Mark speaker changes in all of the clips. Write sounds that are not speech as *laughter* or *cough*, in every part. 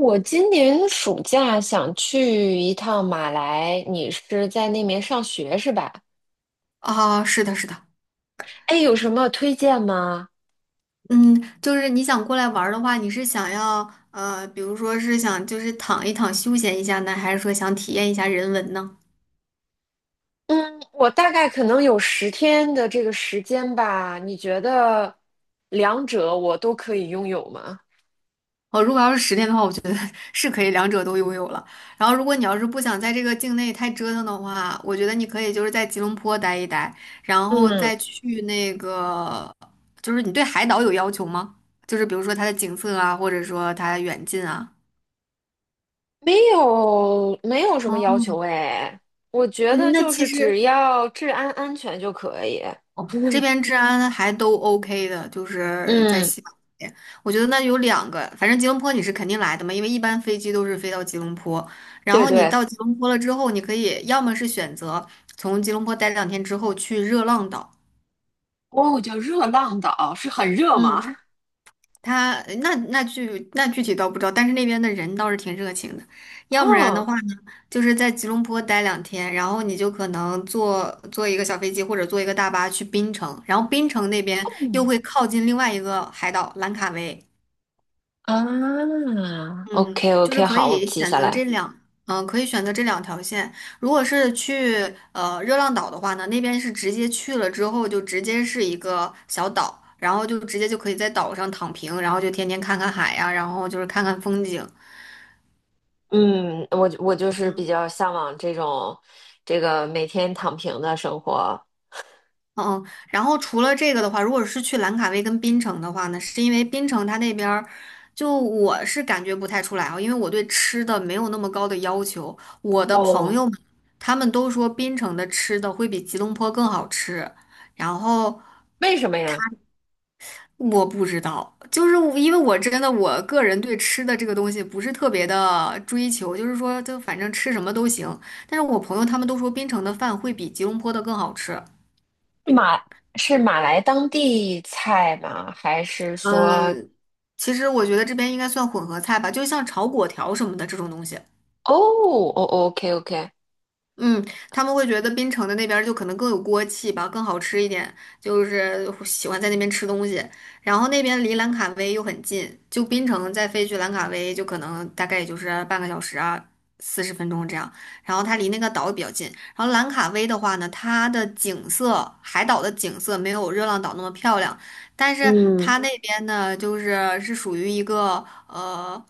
Speaker 1: 我今年暑假想去一趟马来，你是在那边上学是吧？
Speaker 2: 啊，是的，是的，
Speaker 1: 哎，有什么推荐吗？
Speaker 2: 嗯，就是你想过来玩儿的话，你是想要比如说是想就是躺一躺休闲一下呢，还是说想体验一下人文呢？
Speaker 1: 嗯，我大概可能有10天的这个时间吧，你觉得两者我都可以拥有吗？
Speaker 2: 哦，如果要是10天的话，我觉得 *laughs* 是可以两者都拥有了。然后，如果你要是不想在这个境内太折腾的话，我觉得你可以就是在吉隆坡待一待，然后
Speaker 1: 嗯，
Speaker 2: 再去那个，就是你对海岛有要求吗？就是比如说它的景色啊，或者说它的远近啊。
Speaker 1: 没有，没有什么要
Speaker 2: 哦，
Speaker 1: 求哎，我觉
Speaker 2: 嗯
Speaker 1: 得
Speaker 2: 那
Speaker 1: 就
Speaker 2: 其
Speaker 1: 是只
Speaker 2: 实。
Speaker 1: 要治安安全就可以。
Speaker 2: 哦，这边
Speaker 1: *laughs*
Speaker 2: 治安还都 OK 的，就是在
Speaker 1: 嗯，
Speaker 2: 西马那边。我觉得那有两个，反正吉隆坡你是肯定来的嘛，因为一般飞机都是飞到吉隆坡。然
Speaker 1: 对
Speaker 2: 后你
Speaker 1: 对。
Speaker 2: 到吉隆坡了之后，你可以要么是选择从吉隆坡待两天之后去热浪岛，
Speaker 1: 哦，叫热浪岛，是很热吗？
Speaker 2: 嗯，他那具体倒不知道，但是那边的人倒是挺热情的。要不然的
Speaker 1: 哦，
Speaker 2: 话呢，就是在吉隆坡待两天，然后你就可能坐一个小飞机或者坐一个大巴去槟城，然后槟城那边又会靠近另外一个海岛兰卡威，
Speaker 1: 啊，OK
Speaker 2: 嗯，就是
Speaker 1: OK，
Speaker 2: 可
Speaker 1: 好，我
Speaker 2: 以
Speaker 1: 记
Speaker 2: 选
Speaker 1: 下
Speaker 2: 择这
Speaker 1: 来。
Speaker 2: 两，可以选择这两条线。如果是去热浪岛的话呢，那边是直接去了之后就直接是一个小岛，然后就直接就可以在岛上躺平，然后就天天看看海呀、然后就是看看风景。
Speaker 1: 嗯，我就是比
Speaker 2: 嗯。
Speaker 1: 较向往这种这个每天躺平的生活。
Speaker 2: 嗯，然后除了这个的话，如果是去兰卡威跟槟城的话呢，是因为槟城它那边儿，就我是感觉不太出来啊，因为我对吃的没有那么高的要求。我的朋
Speaker 1: 哦，
Speaker 2: 友们，他们都说槟城的吃的会比吉隆坡更好吃，然后
Speaker 1: 为什么呀？
Speaker 2: 我不知道，就是我因为我真的我个人对吃的这个东西不是特别的追求，就是说就反正吃什么都行。但是我朋友他们都说槟城的饭会比吉隆坡的更好吃。
Speaker 1: 马是马来当地菜吗？还是说
Speaker 2: 嗯，其实我觉得这边应该算混合菜吧，就像炒粿条什么的这种东西。
Speaker 1: 哦哦，OK OK，
Speaker 2: 嗯，他们会觉得槟城的那边儿就可能更有锅气吧，更好吃一点，就是喜欢在那边吃东西。然后那边离兰卡威又很近，就槟城再飞去兰卡威，就可能大概也就是半个小时啊，40分钟这样。然后它离那个岛也比较近。然后兰卡威的话呢，它的景色，海岛的景色没有热浪岛那么漂亮，但是
Speaker 1: 嗯，
Speaker 2: 它那边呢，就是是属于一个。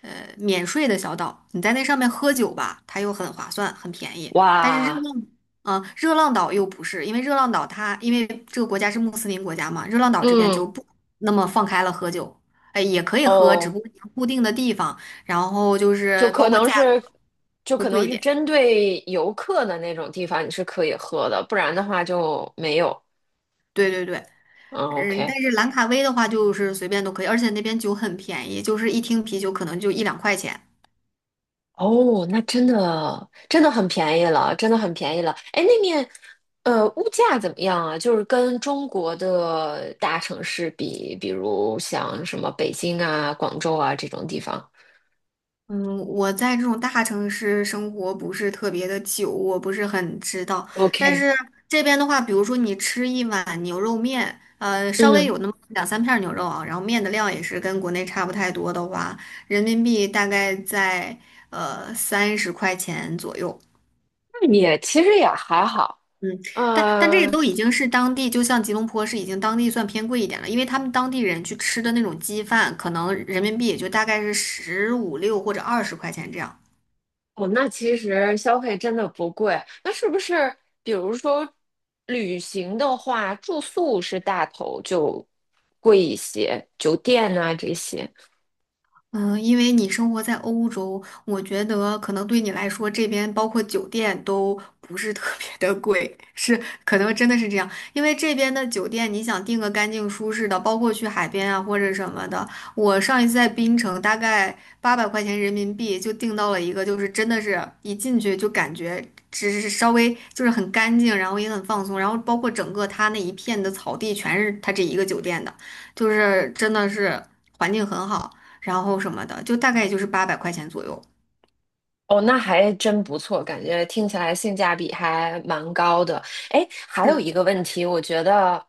Speaker 2: 免税的小岛，你在那上面喝酒吧，它又很划算，很便宜。但是
Speaker 1: 哇，
Speaker 2: 热浪岛又不是，因为热浪岛它因为这个国家是穆斯林国家嘛，热浪岛这边
Speaker 1: 嗯
Speaker 2: 就不那么放开了喝酒，哎，也可以喝，只
Speaker 1: 哦，
Speaker 2: 不过你要固定的地方，然后就
Speaker 1: 就
Speaker 2: 是
Speaker 1: 可
Speaker 2: 包括
Speaker 1: 能
Speaker 2: 价格
Speaker 1: 是就
Speaker 2: 会
Speaker 1: 可
Speaker 2: 贵
Speaker 1: 能
Speaker 2: 一
Speaker 1: 是
Speaker 2: 点。
Speaker 1: 针对游客的那种地方，你是可以喝的，不然的话就没有。
Speaker 2: 对对对，
Speaker 1: 嗯
Speaker 2: 嗯，但
Speaker 1: ，OK。
Speaker 2: 是兰卡威的话就是随便都可以，而且那边酒很便宜，就是一听啤酒可能就一两块钱。
Speaker 1: 哦，那真的真的很便宜了，真的很便宜了。哎，那面，物价怎么样啊？就是跟中国的大城市比，比如像什么北京啊、广州啊这种地方。
Speaker 2: 嗯，我在这种大城市生活不是特别的久，我不是很知道。但
Speaker 1: OK，
Speaker 2: 是这边的话，比如说你吃一碗牛肉面，稍微
Speaker 1: 嗯，
Speaker 2: 有那么两三片儿牛肉啊，然后面的量也是跟国内差不太多的话，人民币大概在30块钱左右。
Speaker 1: 那也其实也还好。
Speaker 2: 嗯，但这个
Speaker 1: 呃，
Speaker 2: 都已经是当地，就像吉隆坡是已经当地算偏贵一点了，因为他们当地人去吃的那种鸡饭，可能人民币也就大概是十五六或者20块钱这样。
Speaker 1: 哦，那其实消费真的不贵。那是不是比如说旅行的话，住宿是大头就贵一些，酒店啊这些？
Speaker 2: 嗯，因为你生活在欧洲，我觉得可能对你来说，这边包括酒店都不是特别的贵，*laughs* 是可能真的是这样。因为这边的酒店，你想订个干净舒适的，包括去海边啊或者什么的，我上一次在槟城，大概八百块钱人民币就订到了一个，就是真的是一进去就感觉只是稍微就是很干净，然后也很放松，然后包括整个它那一片的草地全是它这一个酒店的，就是真的是环境很好。然后什么的，就大概也就是八百块钱左右。
Speaker 1: 哦，那还真不错，感觉听起来性价比还蛮高的。哎，还有
Speaker 2: 是
Speaker 1: 一个问题，我觉得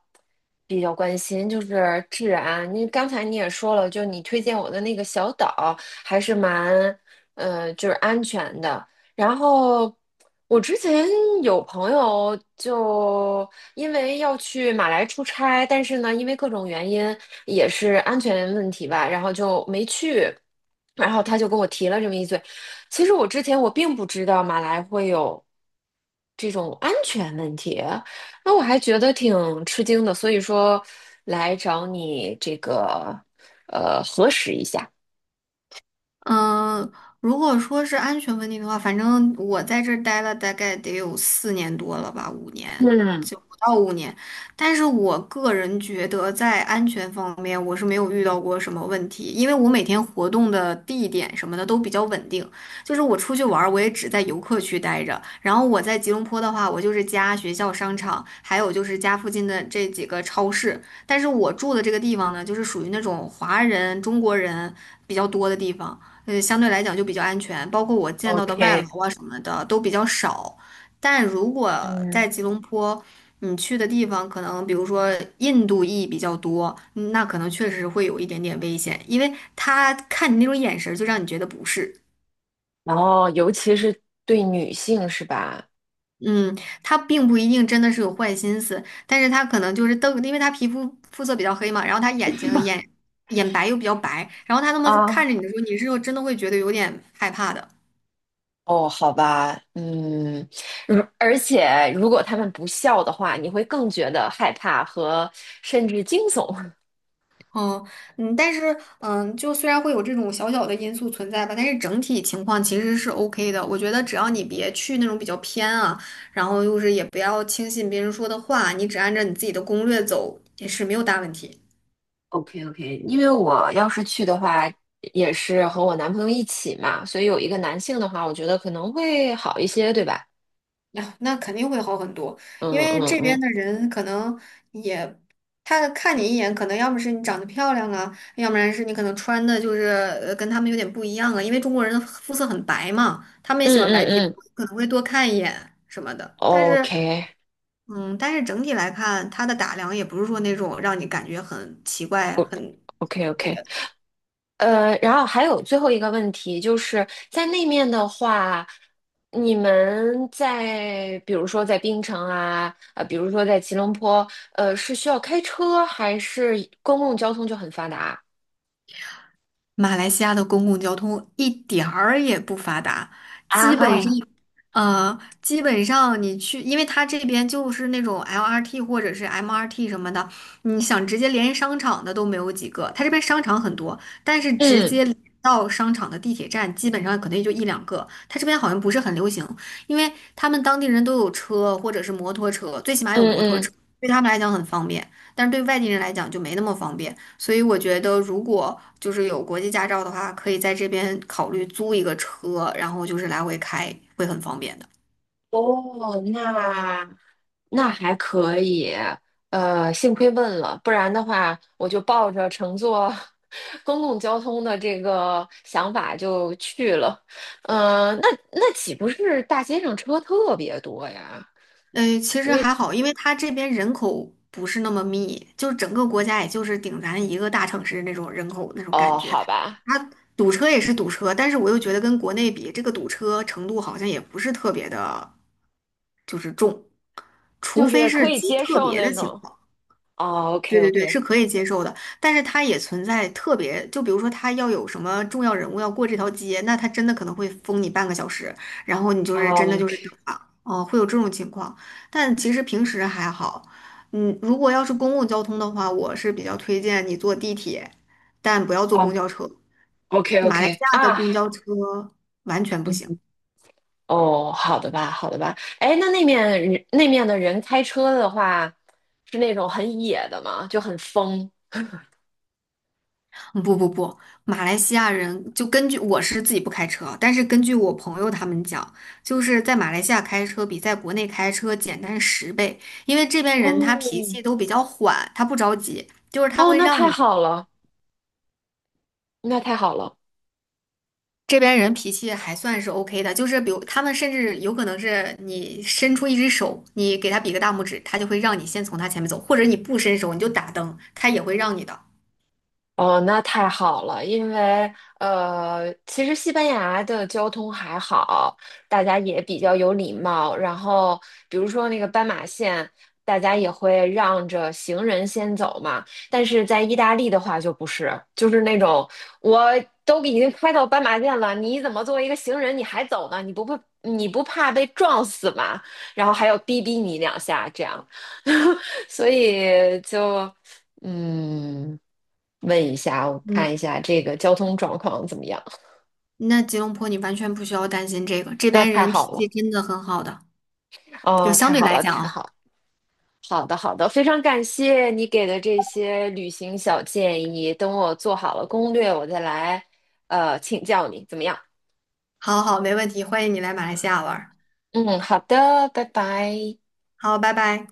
Speaker 1: 比较关心，就是治安。你刚才你也说了，就你推荐我的那个小岛还是蛮，就是安全的。然后我之前有朋友就因为要去马来出差，但是呢，因为各种原因，也是安全问题吧，然后就没去。然后他就跟我提了这么一嘴，其实我之前我并不知道马来会有这种安全问题，那我还觉得挺吃惊的，所以说来找你这个核实一下。
Speaker 2: 嗯，呃如果说是安全问题的话，反正我在这儿待了大概得有4年多了吧，五年，
Speaker 1: 嗯
Speaker 2: 就不到五年。但是我个人觉得，在安全方面，我是没有遇到过什么问题，因为我每天活动的地点什么的都比较稳定。就是我出去玩儿，我也只在游客区待着。然后我在吉隆坡的话，我就是家、学校、商场，还有就是家附近的这几个超市。但是我住的这个地方呢，就是属于那种华人、中国人比较多的地方。相对来讲就比较安全，包括我见到的外劳
Speaker 1: ，OK,
Speaker 2: 啊什么的都比较少。但如果在
Speaker 1: 嗯，
Speaker 2: 吉隆坡，你去的地方可能比如说印度裔比较多，那可能确实会有一点点危险，因为他看你那种眼神儿就让你觉得不是。
Speaker 1: 然后尤其是对女性是吧？
Speaker 2: 嗯，他并不一定真的是有坏心思，但是他可能就是瞪，因为他皮肤肤色比较黑嘛，然后他眼睛眼白又比较白，然后他那么看
Speaker 1: 啊，
Speaker 2: 着你的时候，你是真的会觉得有点害怕的。
Speaker 1: 哦，好吧，嗯，而且如果他们不笑的话，你会更觉得害怕和甚至惊悚。
Speaker 2: 哦，嗯，但是，就虽然会有这种小小的因素存在吧，但是整体情况其实是 OK 的。我觉得只要你别去那种比较偏啊，然后又是也不要轻信别人说的话，你只按照你自己的攻略走也是没有大问题。
Speaker 1: OK OK,因为我要是去的话，也是和我男朋友一起嘛，所以有一个男性的话，我觉得可能会好一些，对吧？
Speaker 2: 呀，那肯定会好很多，因
Speaker 1: 嗯
Speaker 2: 为
Speaker 1: 嗯
Speaker 2: 这边
Speaker 1: 嗯
Speaker 2: 的人可能也，他看你一眼，可能要么是你长得漂亮啊，要不然是你可能穿的就是跟他们有点不一样啊，因为中国人的肤色很白嘛，他们也
Speaker 1: 嗯
Speaker 2: 喜欢
Speaker 1: 嗯
Speaker 2: 白皮肤，
Speaker 1: 嗯
Speaker 2: 可能会多看一眼什么的。但是，
Speaker 1: ，OK
Speaker 2: 嗯，但是整体来看，他的打量也不是说那种让你感觉很奇怪、很。
Speaker 1: OK
Speaker 2: 那
Speaker 1: OK,
Speaker 2: 个。
Speaker 1: 然后还有最后一个问题，就是在那面的话，你们在比如说在槟城啊，比如说在吉隆坡，是需要开车还是公共交通就很发达
Speaker 2: 马来西亚的公共交通一点儿也不发达，基本上，
Speaker 1: 啊？
Speaker 2: 基本上你去，因为它这边就是那种 LRT 或者是 MRT 什么的，你想直接连商场的都没有几个。它这边商场很多，但是直
Speaker 1: 嗯
Speaker 2: 接连到商场的地铁站基本上可能也就一两个。它这边好像不是很流行，因为他们当地人都有车或者是摩托车，最起码
Speaker 1: 嗯
Speaker 2: 有摩托车，
Speaker 1: 嗯
Speaker 2: 对他们来讲很方便，但是对外地人来讲就没那么方便。所以我觉得，如果就是有国际驾照的话，可以在这边考虑租一个车，然后就是来回开，会很方便的。
Speaker 1: 哦，那还可以，幸亏问了，不然的话，我就抱着乘坐 *laughs* 公共交通的这个想法就去了。嗯，那岂不是大街上车特别多呀？
Speaker 2: 嗯，其
Speaker 1: 因
Speaker 2: 实还
Speaker 1: 为
Speaker 2: 好，因为它这边人口不是那么密，就是整个国家也就是顶咱一个大城市那种人口那种感
Speaker 1: 哦，
Speaker 2: 觉。
Speaker 1: 好吧，
Speaker 2: 它堵车也是堵车，但是我又觉得跟国内比，这个堵车程度好像也不是特别的，就是重，除
Speaker 1: 就
Speaker 2: 非
Speaker 1: 是可
Speaker 2: 是
Speaker 1: 以
Speaker 2: 极
Speaker 1: 接
Speaker 2: 特
Speaker 1: 受
Speaker 2: 别的
Speaker 1: 那
Speaker 2: 情
Speaker 1: 种。
Speaker 2: 况。
Speaker 1: 哦
Speaker 2: 对
Speaker 1: ，OK
Speaker 2: 对对，
Speaker 1: OK,
Speaker 2: 是可以接受的，但是它也存在特别，就比如说它要有什么重要人物要过这条街，那它真的可能会封你半个小时，然后你就是
Speaker 1: 哦
Speaker 2: 真的就
Speaker 1: ，OK,
Speaker 2: 是等啊，哦，会有这种情况。但其实平时还好，嗯，如果要是公共交通的话，我是比较推荐你坐地铁，但不要坐公
Speaker 1: 哦
Speaker 2: 交车。
Speaker 1: ，OK
Speaker 2: 马来西
Speaker 1: OK
Speaker 2: 亚的
Speaker 1: 啊，
Speaker 2: 公交车完全不行。
Speaker 1: 嗯。哦，好的吧，好的吧。哎，那面人那面的人开车的话，是那种很野的吗？就很疯。
Speaker 2: 嗯不不不，马来西亚人就根据我是自己不开车，但是根据我朋友他们讲，就是在马来西亚开车比在国内开车简单10倍，因为这边人他脾
Speaker 1: 哦，
Speaker 2: 气都比较缓，他不着急，就是他
Speaker 1: 哦，
Speaker 2: 会
Speaker 1: 那
Speaker 2: 让
Speaker 1: 太
Speaker 2: 你
Speaker 1: 好了，那太好了。
Speaker 2: 这边人脾气还算是 OK 的，就是比如他们甚至有可能是你伸出一只手，你给他比个大拇指，他就会让你先从他前面走，或者你不伸手你就打灯，他也会让你的。
Speaker 1: 哦，那太好了，因为其实西班牙的交通还好，大家也比较有礼貌。然后，比如说那个斑马线，大家也会让着行人先走嘛。但是在意大利的话就不是，就是那种我都已经开到斑马线了，你怎么作为一个行人你还走呢？你不怕被撞死吗？然后还要逼逼你两下，这样，*laughs* 所以就。嗯，问一下，我
Speaker 2: 嗯，
Speaker 1: 看一下这个交通状况怎么样？
Speaker 2: 那吉隆坡你完全不需要担心这个，
Speaker 1: *laughs*
Speaker 2: 这
Speaker 1: 那
Speaker 2: 边
Speaker 1: 太
Speaker 2: 人脾
Speaker 1: 好
Speaker 2: 气
Speaker 1: 了，
Speaker 2: 真的很好的。就
Speaker 1: 哦，
Speaker 2: 相
Speaker 1: 太
Speaker 2: 对
Speaker 1: 好
Speaker 2: 来
Speaker 1: 了，
Speaker 2: 讲
Speaker 1: 太
Speaker 2: 啊，
Speaker 1: 好了好的，好的，非常感谢你给的这些旅行小建议。等我做好了攻略，我再来请教你，怎么样？
Speaker 2: 好好，没问题，欢迎你来马来西亚玩儿
Speaker 1: 嗯，好的，拜拜。
Speaker 2: 好，拜拜。